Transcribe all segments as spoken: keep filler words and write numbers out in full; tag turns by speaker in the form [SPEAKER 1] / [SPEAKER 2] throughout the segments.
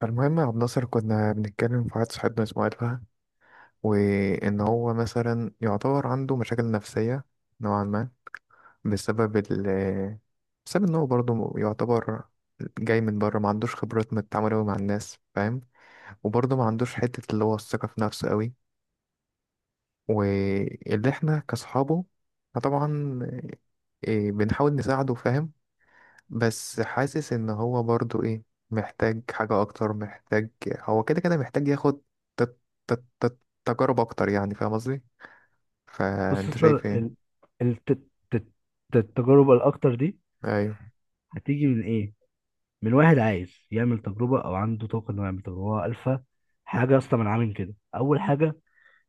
[SPEAKER 1] فالمهم يا عبد الناصر، كنا بنتكلم في واحد صاحبنا اسمه ألفا. وإن هو مثلا يعتبر عنده مشاكل نفسية نوعا ما بسبب ال بسبب إن هو برضه يعتبر جاي من بره، ما عندوش خبرات من التعامل أوي مع الناس، فاهم؟ وبرضه ما عندوش حتة اللي هو الثقة في نفسه أوي. واللي إحنا كأصحابه فطبعا إيه، بنحاول نساعده، فاهم؟ بس حاسس ان هو برضو ايه، محتاج حاجة اكتر. محتاج، هو كده كده محتاج ياخد ت- ت- ت- تجارب اكتر، يعني فاهم قصدي؟
[SPEAKER 2] بص،
[SPEAKER 1] فانت
[SPEAKER 2] اصل
[SPEAKER 1] شايف
[SPEAKER 2] ال-
[SPEAKER 1] ايه؟
[SPEAKER 2] الت- الت- التجارب الاكتر دي
[SPEAKER 1] ايوه.
[SPEAKER 2] هتيجي من ايه؟ من واحد عايز يعمل تجربه او عنده طاقه انه يعمل تجربه. هو الفا حاجه يا اسطى، من عامل كده. اول حاجه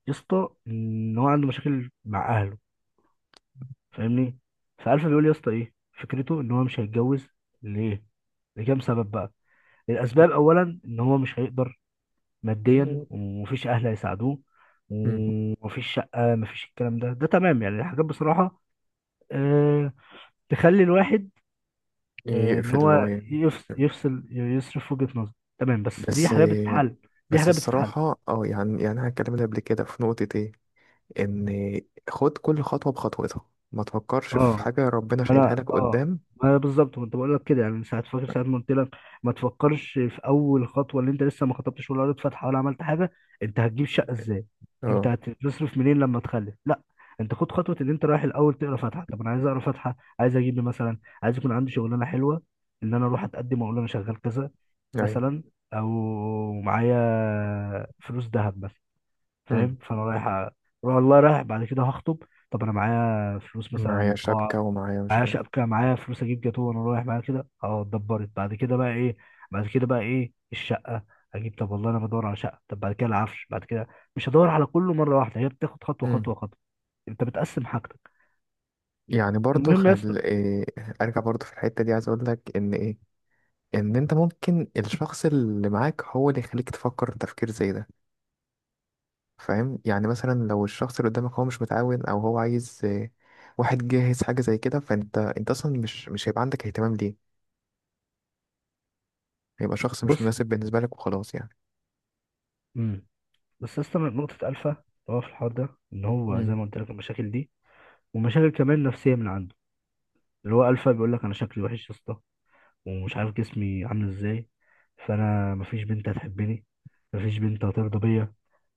[SPEAKER 2] يا اسطى ان هو عنده مشاكل مع اهله، فاهمني؟ فالفا بيقول يا اسطى ايه؟ فكرته ان هو مش هيتجوز. ليه؟ لكام سبب بقى. الاسباب اولا ان هو مش هيقدر ماديا، ومفيش اهل هيساعدوه،
[SPEAKER 1] مم.
[SPEAKER 2] ومفيش شقه، مفيش الكلام ده. ده تمام يعني، الحاجات بصراحه أه تخلي الواحد آه، ان
[SPEAKER 1] يقفل اللي هو
[SPEAKER 2] هو
[SPEAKER 1] يعني.
[SPEAKER 2] يفصل، يفصل يصرف وجهة نظر. تمام، بس دي
[SPEAKER 1] بس.
[SPEAKER 2] حاجات بتتحل. دي
[SPEAKER 1] بس
[SPEAKER 2] حاجات بتتحل.
[SPEAKER 1] الصراحة اه يعني يعني انا اتكلمت قبل كده في نقطة ايه، ان خد كل خطوة بخطوتها، ما تفكرش في
[SPEAKER 2] اه،
[SPEAKER 1] حاجة ربنا
[SPEAKER 2] ما
[SPEAKER 1] شايلها
[SPEAKER 2] انا
[SPEAKER 1] لك
[SPEAKER 2] اه
[SPEAKER 1] قدام.
[SPEAKER 2] ما انا بالظبط كنت بقول لك كده يعني، من ساعه، فاكر ساعه ما قلت لك ما تفكرش في اول خطوه، اللي انت لسه ما خطبتش ولا قريت فاتحه ولا عملت حاجه. انت هتجيب شقه ازاي؟ انت
[SPEAKER 1] اه.
[SPEAKER 2] هتصرف منين لما تخلف؟ لا، انت خد خطوه. ان انت رايح الاول تقرا فاتحه، طب انا عايز اقرا فاتحه، عايز اجيب لي مثلا، عايز يكون عندي شغلانه حلوه، ان انا اروح اتقدم واقول انا شغال كذا
[SPEAKER 1] ايوه.
[SPEAKER 2] مثلا، او معايا فلوس ذهب مثلا،
[SPEAKER 1] مم.
[SPEAKER 2] فاهم؟ فانا رايح أ- والله رايح بعد كده هخطب. طب انا معايا فلوس
[SPEAKER 1] معايا
[SPEAKER 2] مثلا، قاعه
[SPEAKER 1] شبكة ومعايا مش
[SPEAKER 2] معايا،
[SPEAKER 1] عارف.
[SPEAKER 2] شبكه معايا، فلوس اجيب جاتوه، وانا رايح معايا كده، اه اتدبرت. بعد كده بقى ايه؟ بعد كده بقى ايه الشقه؟ اجيب. طب والله انا بدور على شقه. طب بعد كده العفش، بعد كده. مش هدور على كله مره واحده، هي بتاخد خطوه
[SPEAKER 1] مم.
[SPEAKER 2] خطوه خطوه. انت بتقسم حاجتك.
[SPEAKER 1] يعني برضو
[SPEAKER 2] المهم يا اسطى،
[SPEAKER 1] خل... إيه ارجع برضو في الحتة دي، عايز اقول لك ان ايه، ان انت ممكن الشخص اللي معاك هو اللي يخليك تفكر تفكير زي ده. فاهم؟ يعني مثلا لو الشخص اللي قدامك هو مش متعاون، او هو عايز إيه، واحد جاهز حاجة زي كده، فانت انت اصلا مش مش هيبقى عندك اهتمام ليه. هيبقى شخص
[SPEAKER 2] بص،
[SPEAKER 1] مش مناسب بالنسبة لك وخلاص يعني.
[SPEAKER 2] امم، بس يا اسطى، من نقطه الفا اللي هو في الحوار ده، ان هو زي
[SPEAKER 1] امم.
[SPEAKER 2] ما قلت لك المشاكل دي، ومشاكل كمان نفسيه من عنده. اللي هو الفا بيقول لك انا شكلي وحش يا اسطى، ومش عارف جسمي عامل ازاي، فانا مفيش بنت هتحبني، مفيش بنت هترضى بيا،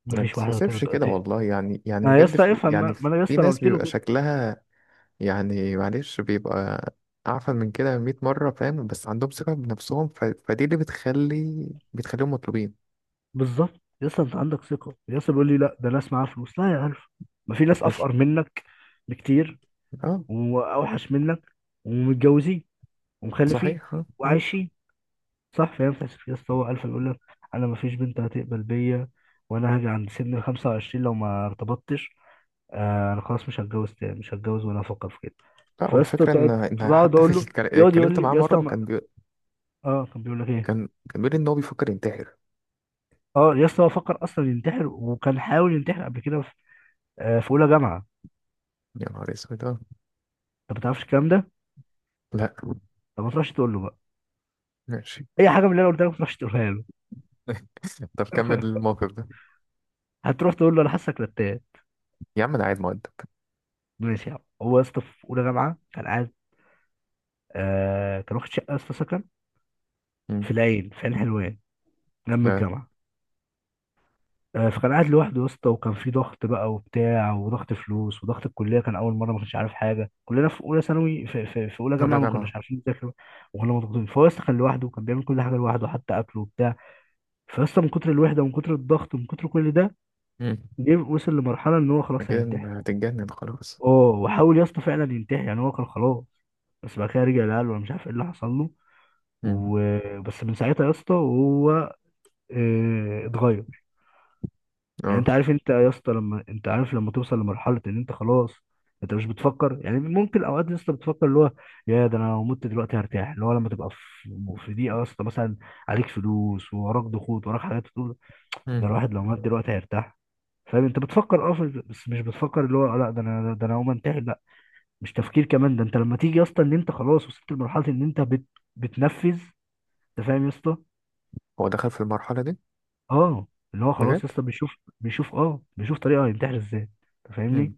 [SPEAKER 1] ما
[SPEAKER 2] مفيش واحده
[SPEAKER 1] بتتحسبش
[SPEAKER 2] هترضى
[SPEAKER 1] كده
[SPEAKER 2] ت-
[SPEAKER 1] والله، يعني يعني
[SPEAKER 2] ما يا
[SPEAKER 1] بجد
[SPEAKER 2] اسطى
[SPEAKER 1] في...
[SPEAKER 2] افهم.
[SPEAKER 1] يعني
[SPEAKER 2] ما ما انا يا
[SPEAKER 1] في
[SPEAKER 2] اسطى انا
[SPEAKER 1] ناس
[SPEAKER 2] قلت له
[SPEAKER 1] بيبقى
[SPEAKER 2] كده
[SPEAKER 1] شكلها، يعني معلش، بيبقى أعفن من كده مية مرة، فاهم؟ بس عندهم ثقة بنفسهم ف... فدي اللي بتخلي بتخليهم مطلوبين.
[SPEAKER 2] بالظبط. يا اسطى انت عندك ثقه يا اسطى، بيقول لي لا ده ناس معاها فلوس، لا يا عارف، ما في ناس
[SPEAKER 1] مش.
[SPEAKER 2] افقر منك بكتير،
[SPEAKER 1] اه.
[SPEAKER 2] واوحش منك، ومتجوزين، ومخلفين،
[SPEAKER 1] صحيح آه، مم.
[SPEAKER 2] وعايشين. صح؟ فاهم فاهم يا اسطى، هو عارف، يقول لك انا مفيش بنت هتقبل بيا، وانا هاجي عند سن ال خمسة وعشرين لو ما ارتبطتش، آه انا خلاص مش هتجوز تاني، مش هتجوز ولا افكر في كده.
[SPEAKER 1] لا،
[SPEAKER 2] فيا اسطى
[SPEAKER 1] والفكرة إن
[SPEAKER 2] تقعد،
[SPEAKER 1] إن
[SPEAKER 2] فبقعد
[SPEAKER 1] حتى في
[SPEAKER 2] اقول له،
[SPEAKER 1] الك...
[SPEAKER 2] يقعد يقول
[SPEAKER 1] اتكلمت
[SPEAKER 2] لي
[SPEAKER 1] معاه
[SPEAKER 2] يا اسطى
[SPEAKER 1] مرة
[SPEAKER 2] ما،
[SPEAKER 1] وكان بي...
[SPEAKER 2] اه كان بيقول لك ايه؟
[SPEAKER 1] كان كان بيقول إن هو بيفكر ينتحر.
[SPEAKER 2] اه يا اسطى، هو فكر اصلا ينتحر، وكان حاول ينتحر قبل كده في, آه في اولى جامعه.
[SPEAKER 1] يا نهار أسود آه.
[SPEAKER 2] انت ما تعرفش الكلام ده؟
[SPEAKER 1] لا.
[SPEAKER 2] طب ما تروحش تقول له بقى
[SPEAKER 1] ماشي.
[SPEAKER 2] اي حاجه من اللي انا قلت لك، ما تروحش تقولها له.
[SPEAKER 1] طب كمل الموقف ده.
[SPEAKER 2] هتروح تقول له انا حاسك رتان.
[SPEAKER 1] يا عم أنا قاعد مؤدب.
[SPEAKER 2] ماشي يا عم. هو يا اسطى في اولى جامعه كان قاعد، آه كان واخد شقه يا اسطى، سكن
[SPEAKER 1] مم.
[SPEAKER 2] في العين، في عين حلوان، جنب
[SPEAKER 1] لا.
[SPEAKER 2] الجامعه. آه، فكان قاعد لوحده يا اسطى، وكان في ضغط بقى وبتاع، وضغط فلوس، وضغط الكليه، كان اول مره، ما كنتش عارف حاجه، كلنا في اولى ثانوي في, في, في اولى
[SPEAKER 1] ولا
[SPEAKER 2] جامعه ما
[SPEAKER 1] جامعة.
[SPEAKER 2] كناش عارفين نذاكر، وكنا مضغوطين. فهو يا اسطى كان لوحده، وكان بيعمل كل حاجه لوحده، حتى اكله وبتاع. فيا اسطى من كتر الوحده، ومن كتر الضغط، ومن كتر كل ده،
[SPEAKER 1] مم.
[SPEAKER 2] جه وصل لمرحله ان هو خلاص
[SPEAKER 1] كده إن
[SPEAKER 2] هينتحر.
[SPEAKER 1] هتتجنن خلاص.
[SPEAKER 2] اه وحاول يا اسطى فعلا ينتحر، يعني هو كان خلاص. بس بعد كده رجع، لقاله انا مش عارف ايه اللي حصل له.
[SPEAKER 1] مم.
[SPEAKER 2] وبس من ساعتها يا اسطى وهو آه، اتغير. يعني
[SPEAKER 1] اه.
[SPEAKER 2] انت عارف، انت يا اسطى لما انت عارف لما توصل لمرحله ان انت خلاص، انت مش بتفكر يعني، ممكن اوقات يا اسطى بتفكر اللي هو يا ده انا لو مت دلوقتي هرتاح، اللي هو لما تبقى في في ضيقه يا اسطى مثلا، عليك فلوس ووراك ضغوط، وراك حاجات، تقول
[SPEAKER 1] مم.
[SPEAKER 2] ده الواحد لو مات دلوقتي هيرتاح. فاهم؟ انت بتفكر اه في- بس مش بتفكر اللي هو لا ده انا، ده انا هقوم انتحر لا، مش تفكير كمان ده. انت لما تيجي يا اسطى ان انت خلاص وصلت لمرحله ان انت بت بتنفذ. انت فاهم يا اسطى؟
[SPEAKER 1] هو دخل في المرحلة دي؟
[SPEAKER 2] اه، اللي هو خلاص
[SPEAKER 1] بجد؟
[SPEAKER 2] يا اسطى بيشوف، بيشوف اه بيشوف طريقه هينتحر ازاي. انت
[SPEAKER 1] مم.
[SPEAKER 2] فاهمني؟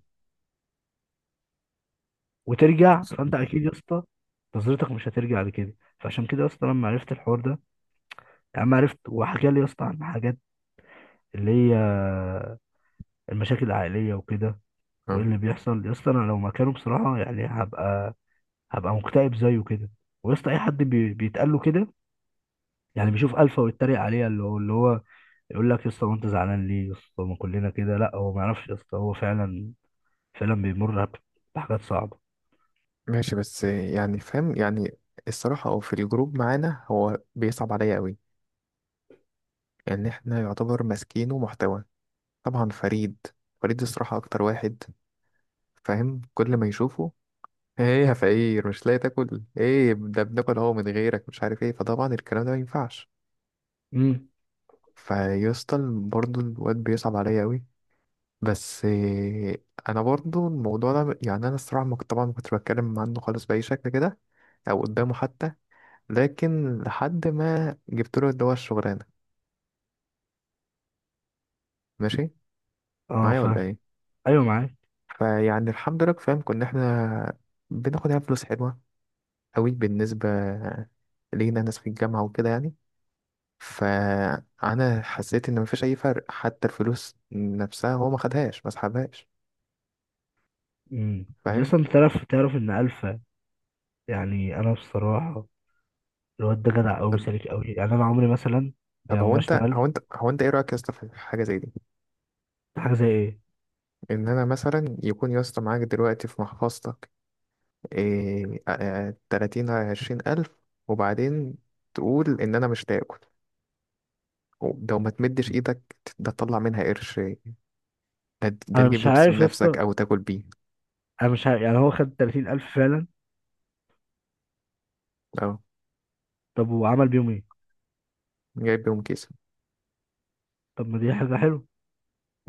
[SPEAKER 2] وترجع، فانت اكيد يا اسطى نظرتك مش هترجع لكده. فعشان كده يا اسطى لما عرفت الحوار ده، يعني لما عرفت وحكى لي يا اسطى عن حاجات اللي هي المشاكل العائليه وكده، وايه
[SPEAKER 1] اه.
[SPEAKER 2] اللي بيحصل يا اسطى، انا لو مكانه بصراحه يعني هبقى، هبقى مكتئب زيه كده. ويا اسطى اي حد بي... بيتقال له كده، يعني بيشوف الفا ويتريق عليه، اللي هو اللي هو يقول لك يا اسطى وانت زعلان ليه يا اسطى، ما كلنا كده، لا هو ما يعرفش يا اسطى، هو فعلا، فعلا بيمر بحاجات صعبه.
[SPEAKER 1] ماشي بس يعني، فاهم يعني، الصراحة أو في الجروب معانا هو بيصعب عليا قوي. يعني احنا يعتبر ماسكينه محتوى، طبعا فريد. فريد الصراحة أكتر واحد، فاهم؟ كل ما يشوفه ايه يا فقير، مش لاقي تاكل، ايه ده بناكل هو من غيرك مش عارف ايه. فطبعا الكلام ده ما ينفعش
[SPEAKER 2] امم،
[SPEAKER 1] فيسطل برضو الواد. بيصعب عليا قوي، بس إيه، انا برضو الموضوع ده، يعني انا الصراحة ما كنت- طبعا ما كنتش بتكلم عنه خالص بأي شكل كده، او قدامه حتى. لكن لحد ما جبت له اللي هو الشغلانة. ماشي
[SPEAKER 2] اه
[SPEAKER 1] معايا ولا
[SPEAKER 2] فاهم،
[SPEAKER 1] ايه؟
[SPEAKER 2] ايوه معاك،
[SPEAKER 1] فيعني الحمد لله فاهم، كنا احنا بناخد يعني فلوس حلوة قوي بالنسبة لينا، ناس في الجامعة وكده يعني. فأنا حسيت إن مفيش أي فرق، حتى الفلوس نفسها هو ما خدهاش ما سحبهاش،
[SPEAKER 2] امم.
[SPEAKER 1] فاهم؟
[SPEAKER 2] اصلا تعرف، تعرف ان الفا، يعني انا بصراحه الواد ده جدع قوي،
[SPEAKER 1] طب
[SPEAKER 2] سالك قوي، يعني انا عمري مثلا
[SPEAKER 1] طب هو
[SPEAKER 2] لما
[SPEAKER 1] انت هو
[SPEAKER 2] اشتغلت.
[SPEAKER 1] انت هو انت ايه رأيك يا اسطى في حاجة زي دي،
[SPEAKER 2] حاجه زي ايه؟
[SPEAKER 1] ان انا مثلا يكون يا اسطى معاك دلوقتي في محفظتك إيه آه، آه، تلاتين على عشرين ألف، وبعدين تقول إن أنا مش تاكل، لو ما تمدش إيدك ده تطلع منها قرش، ده ده
[SPEAKER 2] انا
[SPEAKER 1] تجيب
[SPEAKER 2] مش
[SPEAKER 1] لبس
[SPEAKER 2] عارف يا
[SPEAKER 1] بنفسك
[SPEAKER 2] اسطى،
[SPEAKER 1] أو تاكل بيه.
[SPEAKER 2] انا مش عارف، يعني هو خد تلاتين الف فعلا.
[SPEAKER 1] أه.
[SPEAKER 2] طب وعمل بيهم ايه؟
[SPEAKER 1] جايب بيهم كيس.
[SPEAKER 2] طب ما دي حاجه حلوه.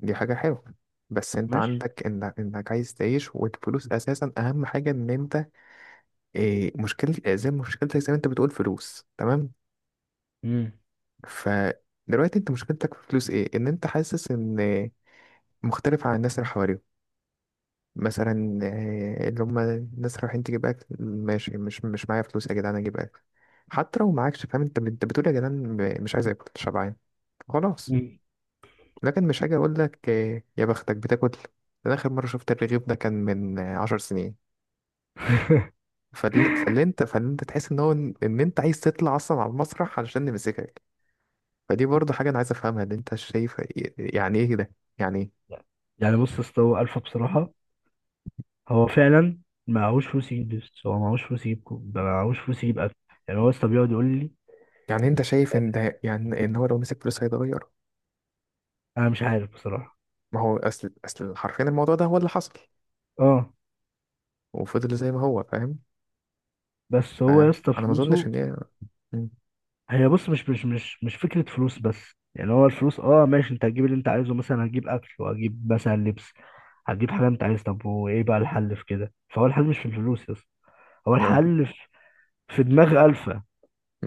[SPEAKER 1] دي حاجة حلوة، بس أنت
[SPEAKER 2] ماشي،
[SPEAKER 1] عندك إنك, إنك عايز تعيش، والفلوس أساسا أهم حاجة. إن أنت إيه، مشكلة زي مشكلتك، زي ما أنت بتقول، فلوس تمام.
[SPEAKER 2] امم،
[SPEAKER 1] فدلوقتي أنت مشكلتك في فلوس إيه، إن أنت حاسس إن مختلف عن الناس اللي حواليك. مثلا آه، اللي هم الناس رايحين تجيب اكل، ماشي مش مش معايا فلوس يا جدعان، اجيب اكل حتى لو معاكش، فاهم؟ انت انت بتقول يا جدعان ب- مش عايز اكل، شبعان، خلاص.
[SPEAKER 2] امم.
[SPEAKER 1] لكن مش هاجي اقول لك آه، يا بختك بتاكل، انا اخر مره شفت الرغيف ده كان من آه، عشر سنين. فال- فاللي انت فاللي انت تحس ان هو ان إن انت عايز تطلع اصلا على المسرح علشان نمسكك. فدي برضه حاجه انا عايز افهمها، اللي انت شايف إيه- يعني ايه ده، يعني إيه؟
[SPEAKER 2] يعني بص يا اسطى، هو الفا بصراحه، هو فعلا معهوش فلوس يجيب، بس هو معهوش فلوس يجيب كو- ده معهوش فلوس يجيب اكل. يعني هو يا اسطى بيقعد يقول لي،
[SPEAKER 1] يعني انت شايف ان ده يعني ان هو لو مسك فلوس هيتغير؟
[SPEAKER 2] انا مش عارف بصراحه.
[SPEAKER 1] ما هو اصل اصل حرفيا الموضوع ده هو اللي حصل،
[SPEAKER 2] اه،
[SPEAKER 1] وفضل زي ما هو، فاهم؟
[SPEAKER 2] بس
[SPEAKER 1] ف-
[SPEAKER 2] هو يا اسطى
[SPEAKER 1] انا ما اظنش
[SPEAKER 2] فلوسه،
[SPEAKER 1] ان هي. مم.
[SPEAKER 2] هي بص، مش مش مش مش فكرة فلوس بس يعني، هو الفلوس اه ماشي، انت هتجيب اللي انت عايزه، مثلا هتجيب اكل، وهتجيب مثلا لبس، هتجيب حاجة انت عايز. طب وايه بقى الحل في كده؟ فهو الحل مش في الفلوس بس، هو
[SPEAKER 1] آه،
[SPEAKER 2] الحل في في دماغ ألفا.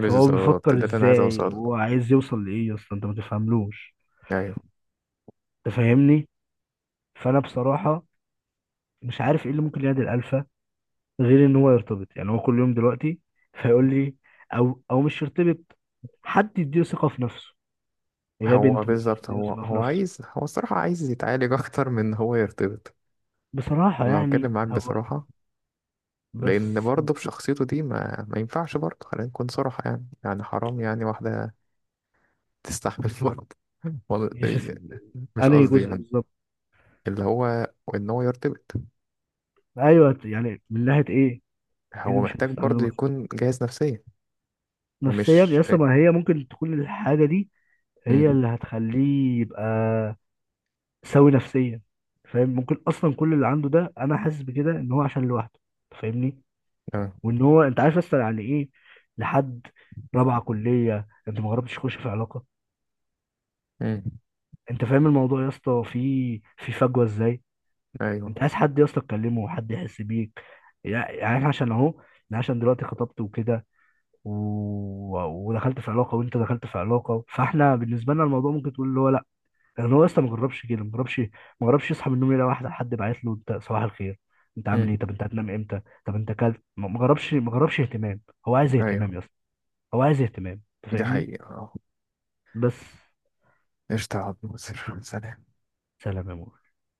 [SPEAKER 2] فهو بيفكر
[SPEAKER 1] ده اللي انا عايز اوصل
[SPEAKER 2] ازاي،
[SPEAKER 1] له.
[SPEAKER 2] هو عايز يوصل لايه يا اسطى، انت ما تفهملوش.
[SPEAKER 1] ايوه.
[SPEAKER 2] انت فاهمني؟ فانا بصراحة مش عارف ايه اللي ممكن ينادي الألفا، غير ان هو يرتبط. يعني هو كل يوم دلوقتي فيقول لي، او او مش يرتبط، حد يديله ثقة في نفسه، هي
[SPEAKER 1] هو
[SPEAKER 2] بنت مثلا
[SPEAKER 1] بالظبط،
[SPEAKER 2] تديله
[SPEAKER 1] هو
[SPEAKER 2] ثقة في
[SPEAKER 1] هو
[SPEAKER 2] نفسه.
[SPEAKER 1] عايز، هو الصراحه عايز يتعالج اكتر من إن هو يرتبط،
[SPEAKER 2] بصراحة
[SPEAKER 1] لو اتكلم
[SPEAKER 2] يعني
[SPEAKER 1] معاك
[SPEAKER 2] هو،
[SPEAKER 1] بصراحه.
[SPEAKER 2] بس
[SPEAKER 1] لان برضه بشخصيته دي ما ما ينفعش برضه، خلينا نكون صراحه يعني، يعني حرام يعني واحده تستحمل. برضه والله-
[SPEAKER 2] مش اس-
[SPEAKER 1] مش
[SPEAKER 2] أنهي
[SPEAKER 1] قصدي
[SPEAKER 2] جزء
[SPEAKER 1] يعني.
[SPEAKER 2] بالظبط؟
[SPEAKER 1] اللي هو ان هو يرتبط،
[SPEAKER 2] أيوه يعني، من ناحية إيه؟ إيه
[SPEAKER 1] هو
[SPEAKER 2] اللي مش
[SPEAKER 1] محتاج
[SPEAKER 2] هتستعمله
[SPEAKER 1] برضه
[SPEAKER 2] مثلا؟
[SPEAKER 1] يكون جاهز نفسيا.
[SPEAKER 2] نفسيا يا
[SPEAKER 1] مش.
[SPEAKER 2] اسطى، ما هي ممكن تكون الحاجة دي هي
[SPEAKER 1] مم.
[SPEAKER 2] اللي هتخليه يبقى سوي نفسيا. فاهم؟ ممكن أصلا كل اللي عنده ده، أنا حاسس بكده، إن هو عشان لوحده. فاهمني؟
[SPEAKER 1] آه.
[SPEAKER 2] وإن هو، أنت عارف أصلا يعني إيه لحد رابعة كلية أنت ما جربتش تخش في علاقة؟
[SPEAKER 1] مم.
[SPEAKER 2] أنت فاهم الموضوع يا اسطى فيه في فجوة إزاي؟
[SPEAKER 1] ايوه.
[SPEAKER 2] انت عايز حد يا اسطى تكلمه، وحد يحس بيك. يعني يعني احنا عشان اهو، انا عشان دلوقتي خطبت وكده، و... ودخلت في علاقه، وانت دخلت في علاقه، فاحنا بالنسبه لنا الموضوع ممكن تقول اللي هو لا، لان هو لسه ما جربش كده، ما جربش، ما جربش يصحى من النوم يلاقي واحده، حد باعت له انت صباح الخير، انت عامل
[SPEAKER 1] مم.
[SPEAKER 2] ايه، طب انت هتنام امتى، طب انت كلت، ما ما جربش، ما جربش اهتمام. هو عايز اهتمام
[SPEAKER 1] ايوه.
[SPEAKER 2] يا اسطى، هو عايز اهتمام، انت
[SPEAKER 1] دي
[SPEAKER 2] فاهمني؟
[SPEAKER 1] حقيقة اه.
[SPEAKER 2] بس.
[SPEAKER 1] قشطة يا عبد الناصر، سلام.
[SPEAKER 2] سلام يا مو.